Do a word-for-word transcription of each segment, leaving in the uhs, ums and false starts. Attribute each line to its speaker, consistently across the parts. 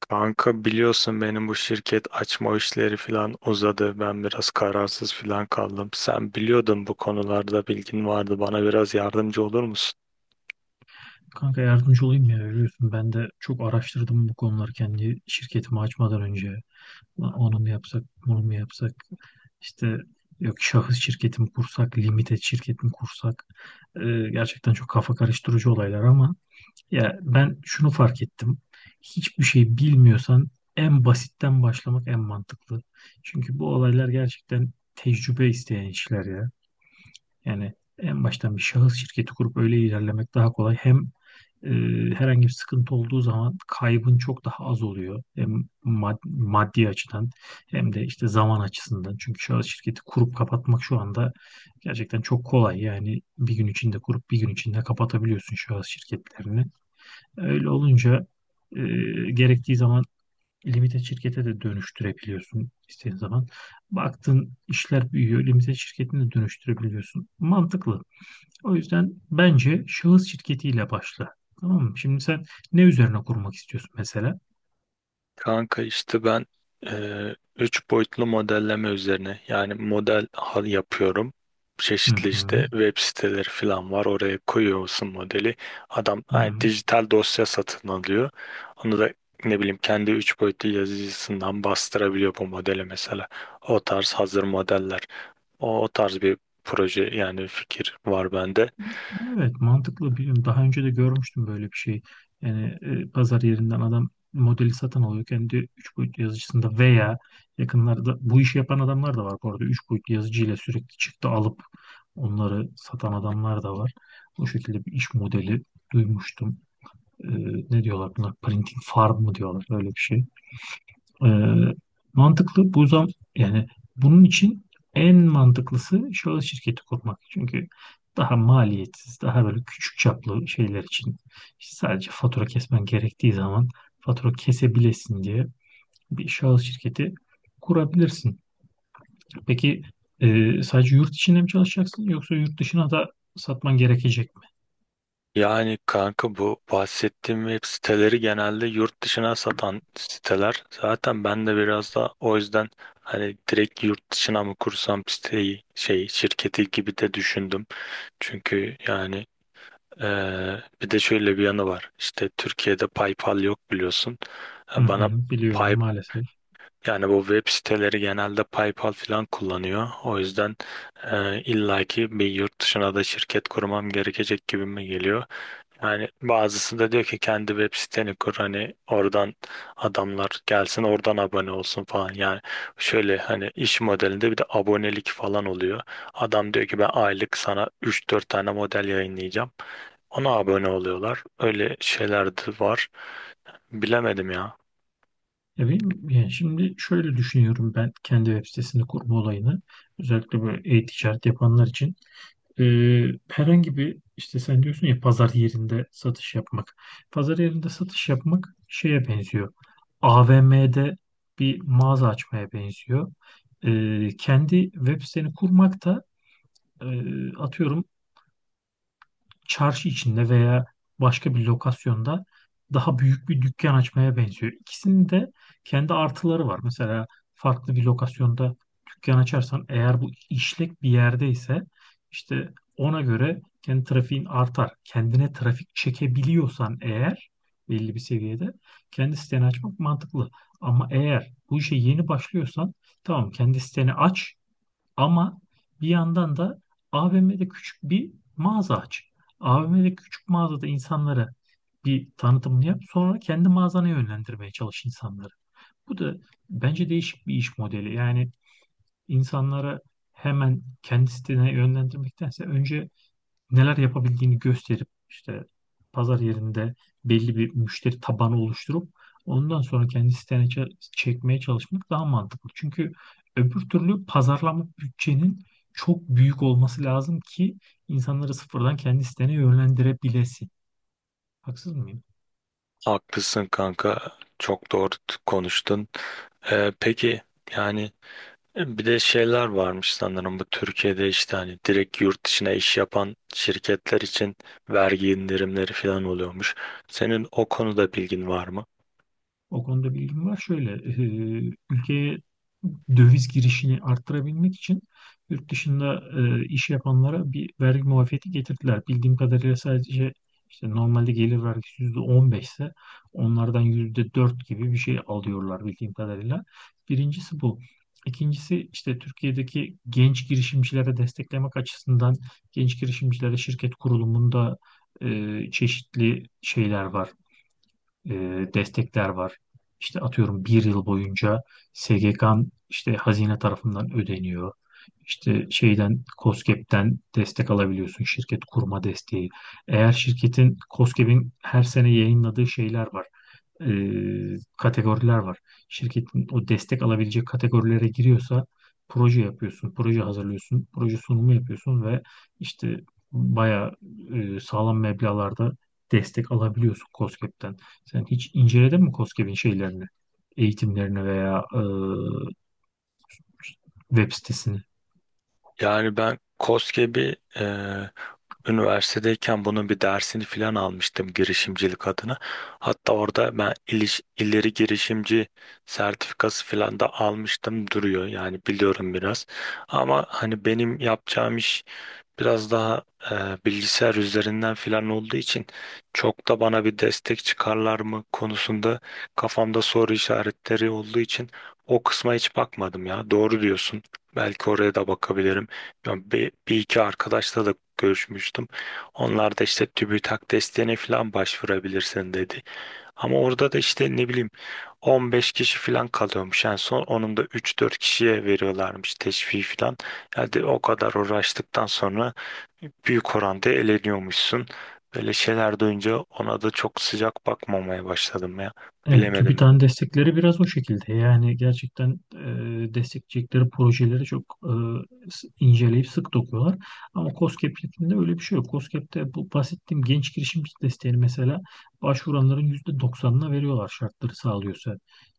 Speaker 1: Kanka biliyorsun benim bu şirket açma işleri falan uzadı. Ben biraz kararsız falan kaldım. Sen biliyordun, bu konularda bilgin vardı. Bana biraz yardımcı olur musun?
Speaker 2: Kanka yardımcı olayım ya, biliyorsun ben de çok araştırdım bu konuları kendi şirketimi açmadan önce. Lan, onu mu yapsak, bunu mu yapsak? İşte yok şahıs şirketimi kursak, limited şirketimi kursak. Ee, gerçekten çok kafa karıştırıcı olaylar ama ya, ben şunu fark ettim. Hiçbir şey bilmiyorsan en basitten başlamak en mantıklı. Çünkü bu olaylar gerçekten tecrübe isteyen işler ya. Yani en baştan bir şahıs şirketi kurup öyle ilerlemek daha kolay. Hem e, herhangi bir sıkıntı olduğu zaman kaybın çok daha az oluyor. Hem mad- maddi açıdan hem de işte zaman açısından. Çünkü şahıs şirketi kurup kapatmak şu anda gerçekten çok kolay. Yani bir gün içinde kurup bir gün içinde kapatabiliyorsun şahıs şirketlerini. Öyle olunca e, gerektiği zaman limited şirkete de dönüştürebiliyorsun istediğin zaman. Baktın işler büyüyor, limited şirketini de dönüştürebiliyorsun. Mantıklı. O yüzden bence şahıs şirketiyle başla. Tamam mı? Şimdi sen ne üzerine kurmak istiyorsun mesela?
Speaker 1: Kanka işte ben eee üç boyutlu modelleme üzerine, yani model hal yapıyorum.
Speaker 2: Hı
Speaker 1: Çeşitli
Speaker 2: hı,
Speaker 1: işte web siteleri falan var. Oraya koyuyorsun modeli. Adam yani
Speaker 2: hı.
Speaker 1: dijital dosya satın alıyor. Onu da ne bileyim kendi üç boyutlu yazıcısından bastırabiliyor bu modeli mesela. O tarz hazır modeller. O, o tarz bir proje, yani fikir var bende.
Speaker 2: Evet, mantıklı, biliyorum. Daha önce de görmüştüm böyle bir şey. Yani e, pazar yerinden adam modeli satın alıyor. Kendi üç boyutlu yazıcısında veya yakınlarda bu işi yapan adamlar da var bu arada. üç boyutlu yazıcıyla sürekli çıktı alıp onları satan adamlar da var. O şekilde bir iş modeli duymuştum. E, ne diyorlar buna? Printing farm mı diyorlar? Öyle bir şey. Ee, mantıklı bu zam yani bunun için en mantıklısı şahıs şirketi kurmak. Çünkü daha maliyetsiz, daha böyle küçük çaplı şeyler için işte sadece fatura kesmen gerektiği zaman fatura kesebilesin diye bir şahıs şirketi kurabilirsin. Peki e, sadece yurt içinde mi çalışacaksın yoksa yurt dışına da satman gerekecek mi?
Speaker 1: Yani kanka bu bahsettiğim web siteleri genelde yurt dışına satan siteler. Zaten ben de biraz da o yüzden hani direkt yurt dışına mı kursam siteyi, şey şirketi gibi de düşündüm. Çünkü yani eee, bir de şöyle bir yanı var. İşte Türkiye'de PayPal yok, biliyorsun.
Speaker 2: Hı
Speaker 1: Ha, bana
Speaker 2: hı, biliyorum maalesef.
Speaker 1: yani bu web siteleri genelde PayPal falan kullanıyor. O yüzden e, illaki bir yurt dışına da şirket kurmam gerekecek gibime geliyor. Yani bazısı da diyor ki kendi web siteni kur, hani oradan adamlar gelsin, oradan abone olsun falan. Yani şöyle, hani iş modelinde bir de abonelik falan oluyor. Adam diyor ki ben aylık sana üç dört tane model yayınlayacağım. Ona abone oluyorlar. Öyle şeyler de var. Bilemedim ya.
Speaker 2: Ya benim, yani şimdi şöyle düşünüyorum ben kendi web sitesini kurma olayını. Özellikle böyle e-ticaret yapanlar için. Ee, herhangi bir işte sen diyorsun ya pazar yerinde satış yapmak. Pazar yerinde satış yapmak şeye benziyor. A V M'de bir mağaza açmaya benziyor. Ee, kendi web siteni kurmak da e, atıyorum çarşı içinde veya başka bir lokasyonda daha büyük bir dükkan açmaya benziyor. İkisinin de kendi artıları var. Mesela farklı bir lokasyonda dükkan açarsan eğer bu işlek bir yerde ise işte ona göre kendi trafiğin artar. Kendine trafik çekebiliyorsan eğer belli bir seviyede kendi siteni açmak mantıklı. Ama eğer bu işe yeni başlıyorsan tamam, kendi siteni aç ama bir yandan da A V M'de küçük bir mağaza aç. A V M'de küçük mağazada insanlara bir tanıtımını yap. Sonra kendi mağazana yönlendirmeye çalış insanları. Bu da bence değişik bir iş modeli. Yani insanlara hemen kendi sitene yönlendirmektense önce neler yapabildiğini gösterip işte pazar yerinde belli bir müşteri tabanı oluşturup ondan sonra kendi sitene ç- çekmeye çalışmak daha mantıklı. Çünkü öbür türlü pazarlama bütçenin çok büyük olması lazım ki insanları sıfırdan kendi sitene yönlendirebilesin. Haksız mıyım?
Speaker 1: Haklısın kanka. Çok doğru t- konuştun. Ee, peki yani, e, bir de şeyler varmış sanırım, bu Türkiye'de işte hani direkt yurt dışına iş yapan şirketler için vergi indirimleri falan oluyormuş. Senin o konuda bilgin var mı?
Speaker 2: O konuda bilgim var. Şöyle, e, ülkeye döviz girişini arttırabilmek için yurt dışında e, iş yapanlara bir vergi muafiyeti getirdiler. Bildiğim kadarıyla sadece işte normalde gelir vergisi yüzde on beş ise onlardan yüzde dört gibi bir şey alıyorlar bildiğim kadarıyla. Birincisi bu. İkincisi işte Türkiye'deki genç girişimcilere desteklemek açısından genç girişimcilere şirket kurulumunda e, çeşitli şeyler var, e, destekler var. İşte atıyorum bir yıl boyunca S G K'nın işte hazine tarafından ödeniyor. İşte şeyden KOSGEB'den destek alabiliyorsun, şirket kurma desteği. Eğer şirketin KOSGEB'in her sene yayınladığı şeyler var, e, kategoriler var. Şirketin o destek alabilecek kategorilere giriyorsa proje yapıyorsun, proje hazırlıyorsun, proje sunumu yapıyorsun ve işte bayağı e, sağlam meblağlarda destek alabiliyorsun KOSGEB'ten. Sen hiç inceledin mi KOSGEB'in şeylerini, eğitimlerini veya e, web sitesini?
Speaker 1: Yani ben koskoca bir üniversitedeyken bunun bir dersini falan almıştım girişimcilik adına. Hatta orada ben iliş, ileri girişimci sertifikası falan da almıştım, duruyor. Yani biliyorum biraz. Ama hani benim yapacağım iş biraz daha e, bilgisayar üzerinden falan olduğu için, çok da bana bir destek çıkarlar mı konusunda kafamda soru işaretleri olduğu için o kısma hiç bakmadım ya. Doğru diyorsun. Belki oraya da bakabilirim. Ben Bir, bir iki arkadaşla da görüşmüştüm. Onlar da işte TÜBİTAK desteğine falan başvurabilirsin dedi. Ama orada da işte ne bileyim on beş kişi falan kalıyormuş. En son onun da üç dört kişiye veriyorlarmış teşvik falan. Yani o kadar uğraştıktan sonra büyük oranda eleniyormuşsun. Böyle şeyler duyunca ona da çok sıcak bakmamaya başladım ya.
Speaker 2: Evet,
Speaker 1: Bilemedim.
Speaker 2: TÜBİTAK'ın destekleri biraz o şekilde. Yani gerçekten e, destekleyecekleri projeleri çok e, s- inceleyip sık dokuyorlar. Ama KOSGEB'de öyle bir şey yok. KOSGEB'de bu bahsettiğim genç girişimci desteğini mesela başvuranların yüzde doksanına veriyorlar şartları sağlıyorsa.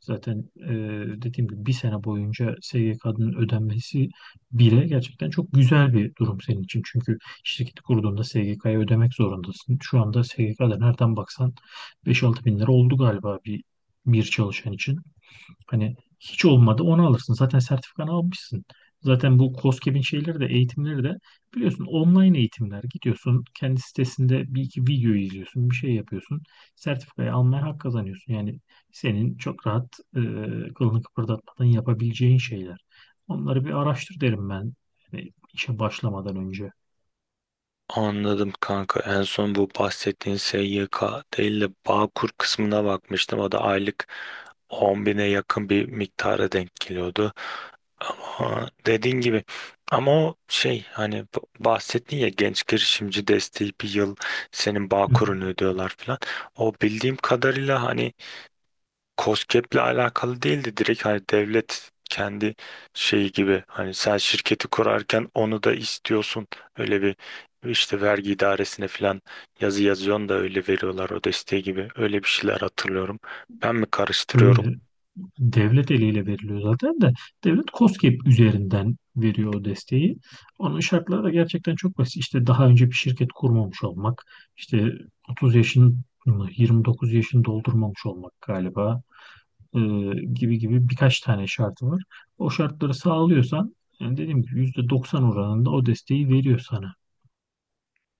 Speaker 2: Zaten e, dediğim gibi bir sene boyunca S G K'nın ödenmesi bile gerçekten çok güzel bir durum senin için. Çünkü şirketi kurduğunda S G K'ya ödemek zorundasın. Şu anda S G K'da nereden baksan beş altı bin lira oldu galiba bir, bir çalışan için. Hani hiç olmadı onu alırsın. Zaten sertifikanı almışsın. Zaten bu KOSGEB'in şeyleri de eğitimleri de biliyorsun online eğitimler. Gidiyorsun kendi sitesinde bir iki video izliyorsun. Bir şey yapıyorsun. Sertifikayı almaya hak kazanıyorsun. Yani senin çok rahat e, kılını kıpırdatmadan yapabileceğin şeyler. Onları bir araştır derim ben e, işe başlamadan önce.
Speaker 1: Anladım kanka. En son bu bahsettiğin S Y K değil de Bağkur kısmına bakmıştım. O da aylık on bine yakın bir miktara denk geliyordu. Ama dediğin gibi, ama o şey, hani b- bahsettin ya genç girişimci desteği, bir yıl senin
Speaker 2: Hı.
Speaker 1: Bağkur'unu ödüyorlar falan. O bildiğim kadarıyla hani KOSGEB'le alakalı değildi. Direkt hani devlet kendi şeyi gibi, hani sen şirketi kurarken onu da istiyorsun. Öyle bir işte vergi idaresine falan yazı yazıyorsun da öyle veriyorlar o desteği gibi. Öyle bir şeyler hatırlıyorum. Ben mi
Speaker 2: Şöyle,
Speaker 1: karıştırıyorum?
Speaker 2: devlet eliyle veriliyor zaten de devlet KOSGEB üzerinden veriyor o desteği. Onun şartları da gerçekten çok basit. İşte daha önce bir şirket kurmamış olmak, işte otuz yaşını yirmi dokuz yaşını doldurmamış olmak galiba, e, gibi gibi birkaç tane şartı var. O şartları sağlıyorsan yani dediğim gibi yüzde doksan oranında o desteği veriyor sana.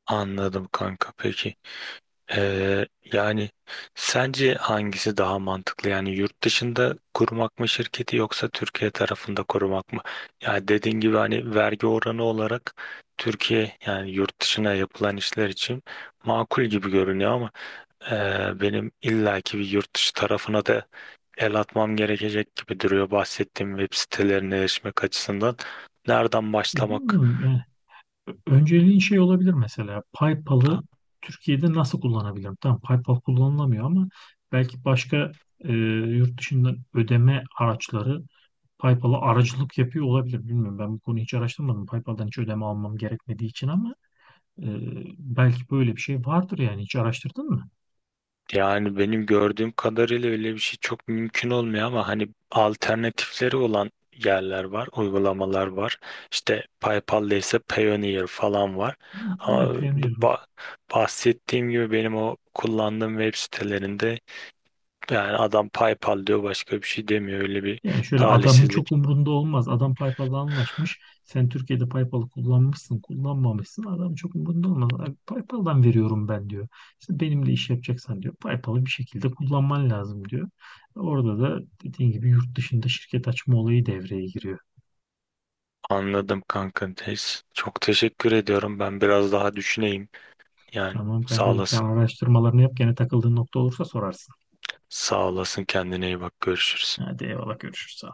Speaker 1: Anladım kanka. Peki. Ee, yani sence hangisi daha mantıklı? Yani yurt dışında kurmak mı şirketi, yoksa Türkiye tarafında kurmak mı? Yani dediğin gibi hani vergi oranı olarak Türkiye, yani yurt dışına yapılan işler için makul gibi görünüyor ama e, benim illaki bir yurt dışı tarafına da el atmam gerekecek gibi duruyor, bahsettiğim web sitelerine erişmek açısından. Nereden
Speaker 2: E,
Speaker 1: başlamak?
Speaker 2: bilmiyorum yani. Önceliğin şey olabilir, mesela PayPal'ı Türkiye'de nasıl kullanabilirim? Tamam, PayPal kullanılamıyor ama belki başka e, yurt dışından ödeme araçları PayPal'a aracılık yapıyor olabilir. Bilmiyorum, ben bu konuyu hiç araştırmadım, PayPal'dan hiç ödeme almam gerekmediği için, ama e, belki böyle bir şey vardır, yani hiç araştırdın mı?
Speaker 1: Yani benim gördüğüm kadarıyla öyle bir şey çok mümkün olmuyor ama hani alternatifleri olan yerler var, uygulamalar var. İşte PayPal'da ise Payoneer falan var.
Speaker 2: Hı.
Speaker 1: Ama
Speaker 2: Evet,
Speaker 1: bu
Speaker 2: beğeniyorum.
Speaker 1: ba- bahsettiğim gibi benim o kullandığım web sitelerinde yani adam PayPal diyor, başka bir şey demiyor. Öyle bir
Speaker 2: Yani şöyle, adamın
Speaker 1: talihsizlik.
Speaker 2: çok umrunda olmaz. Adam PayPal'la anlaşmış. Sen Türkiye'de PayPal'ı kullanmışsın, kullanmamışsın, adam çok umrunda olmaz. Abi, PayPal'dan veriyorum ben diyor. İşte, benimle iş yapacaksan diyor, PayPal'ı bir şekilde kullanman lazım diyor. Orada da dediğin gibi yurt dışında şirket açma olayı devreye giriyor.
Speaker 1: Anladım kanka. Neyse, çok teşekkür ediyorum. Ben biraz daha düşüneyim. Yani
Speaker 2: Tamam
Speaker 1: sağ
Speaker 2: kankacığım, sen
Speaker 1: olasın.
Speaker 2: araştırmalarını yap. Gene takıldığın nokta olursa sorarsın.
Speaker 1: Sağ olasın, kendine iyi bak. Görüşürüz.
Speaker 2: Hadi, eyvallah, görüşürüz.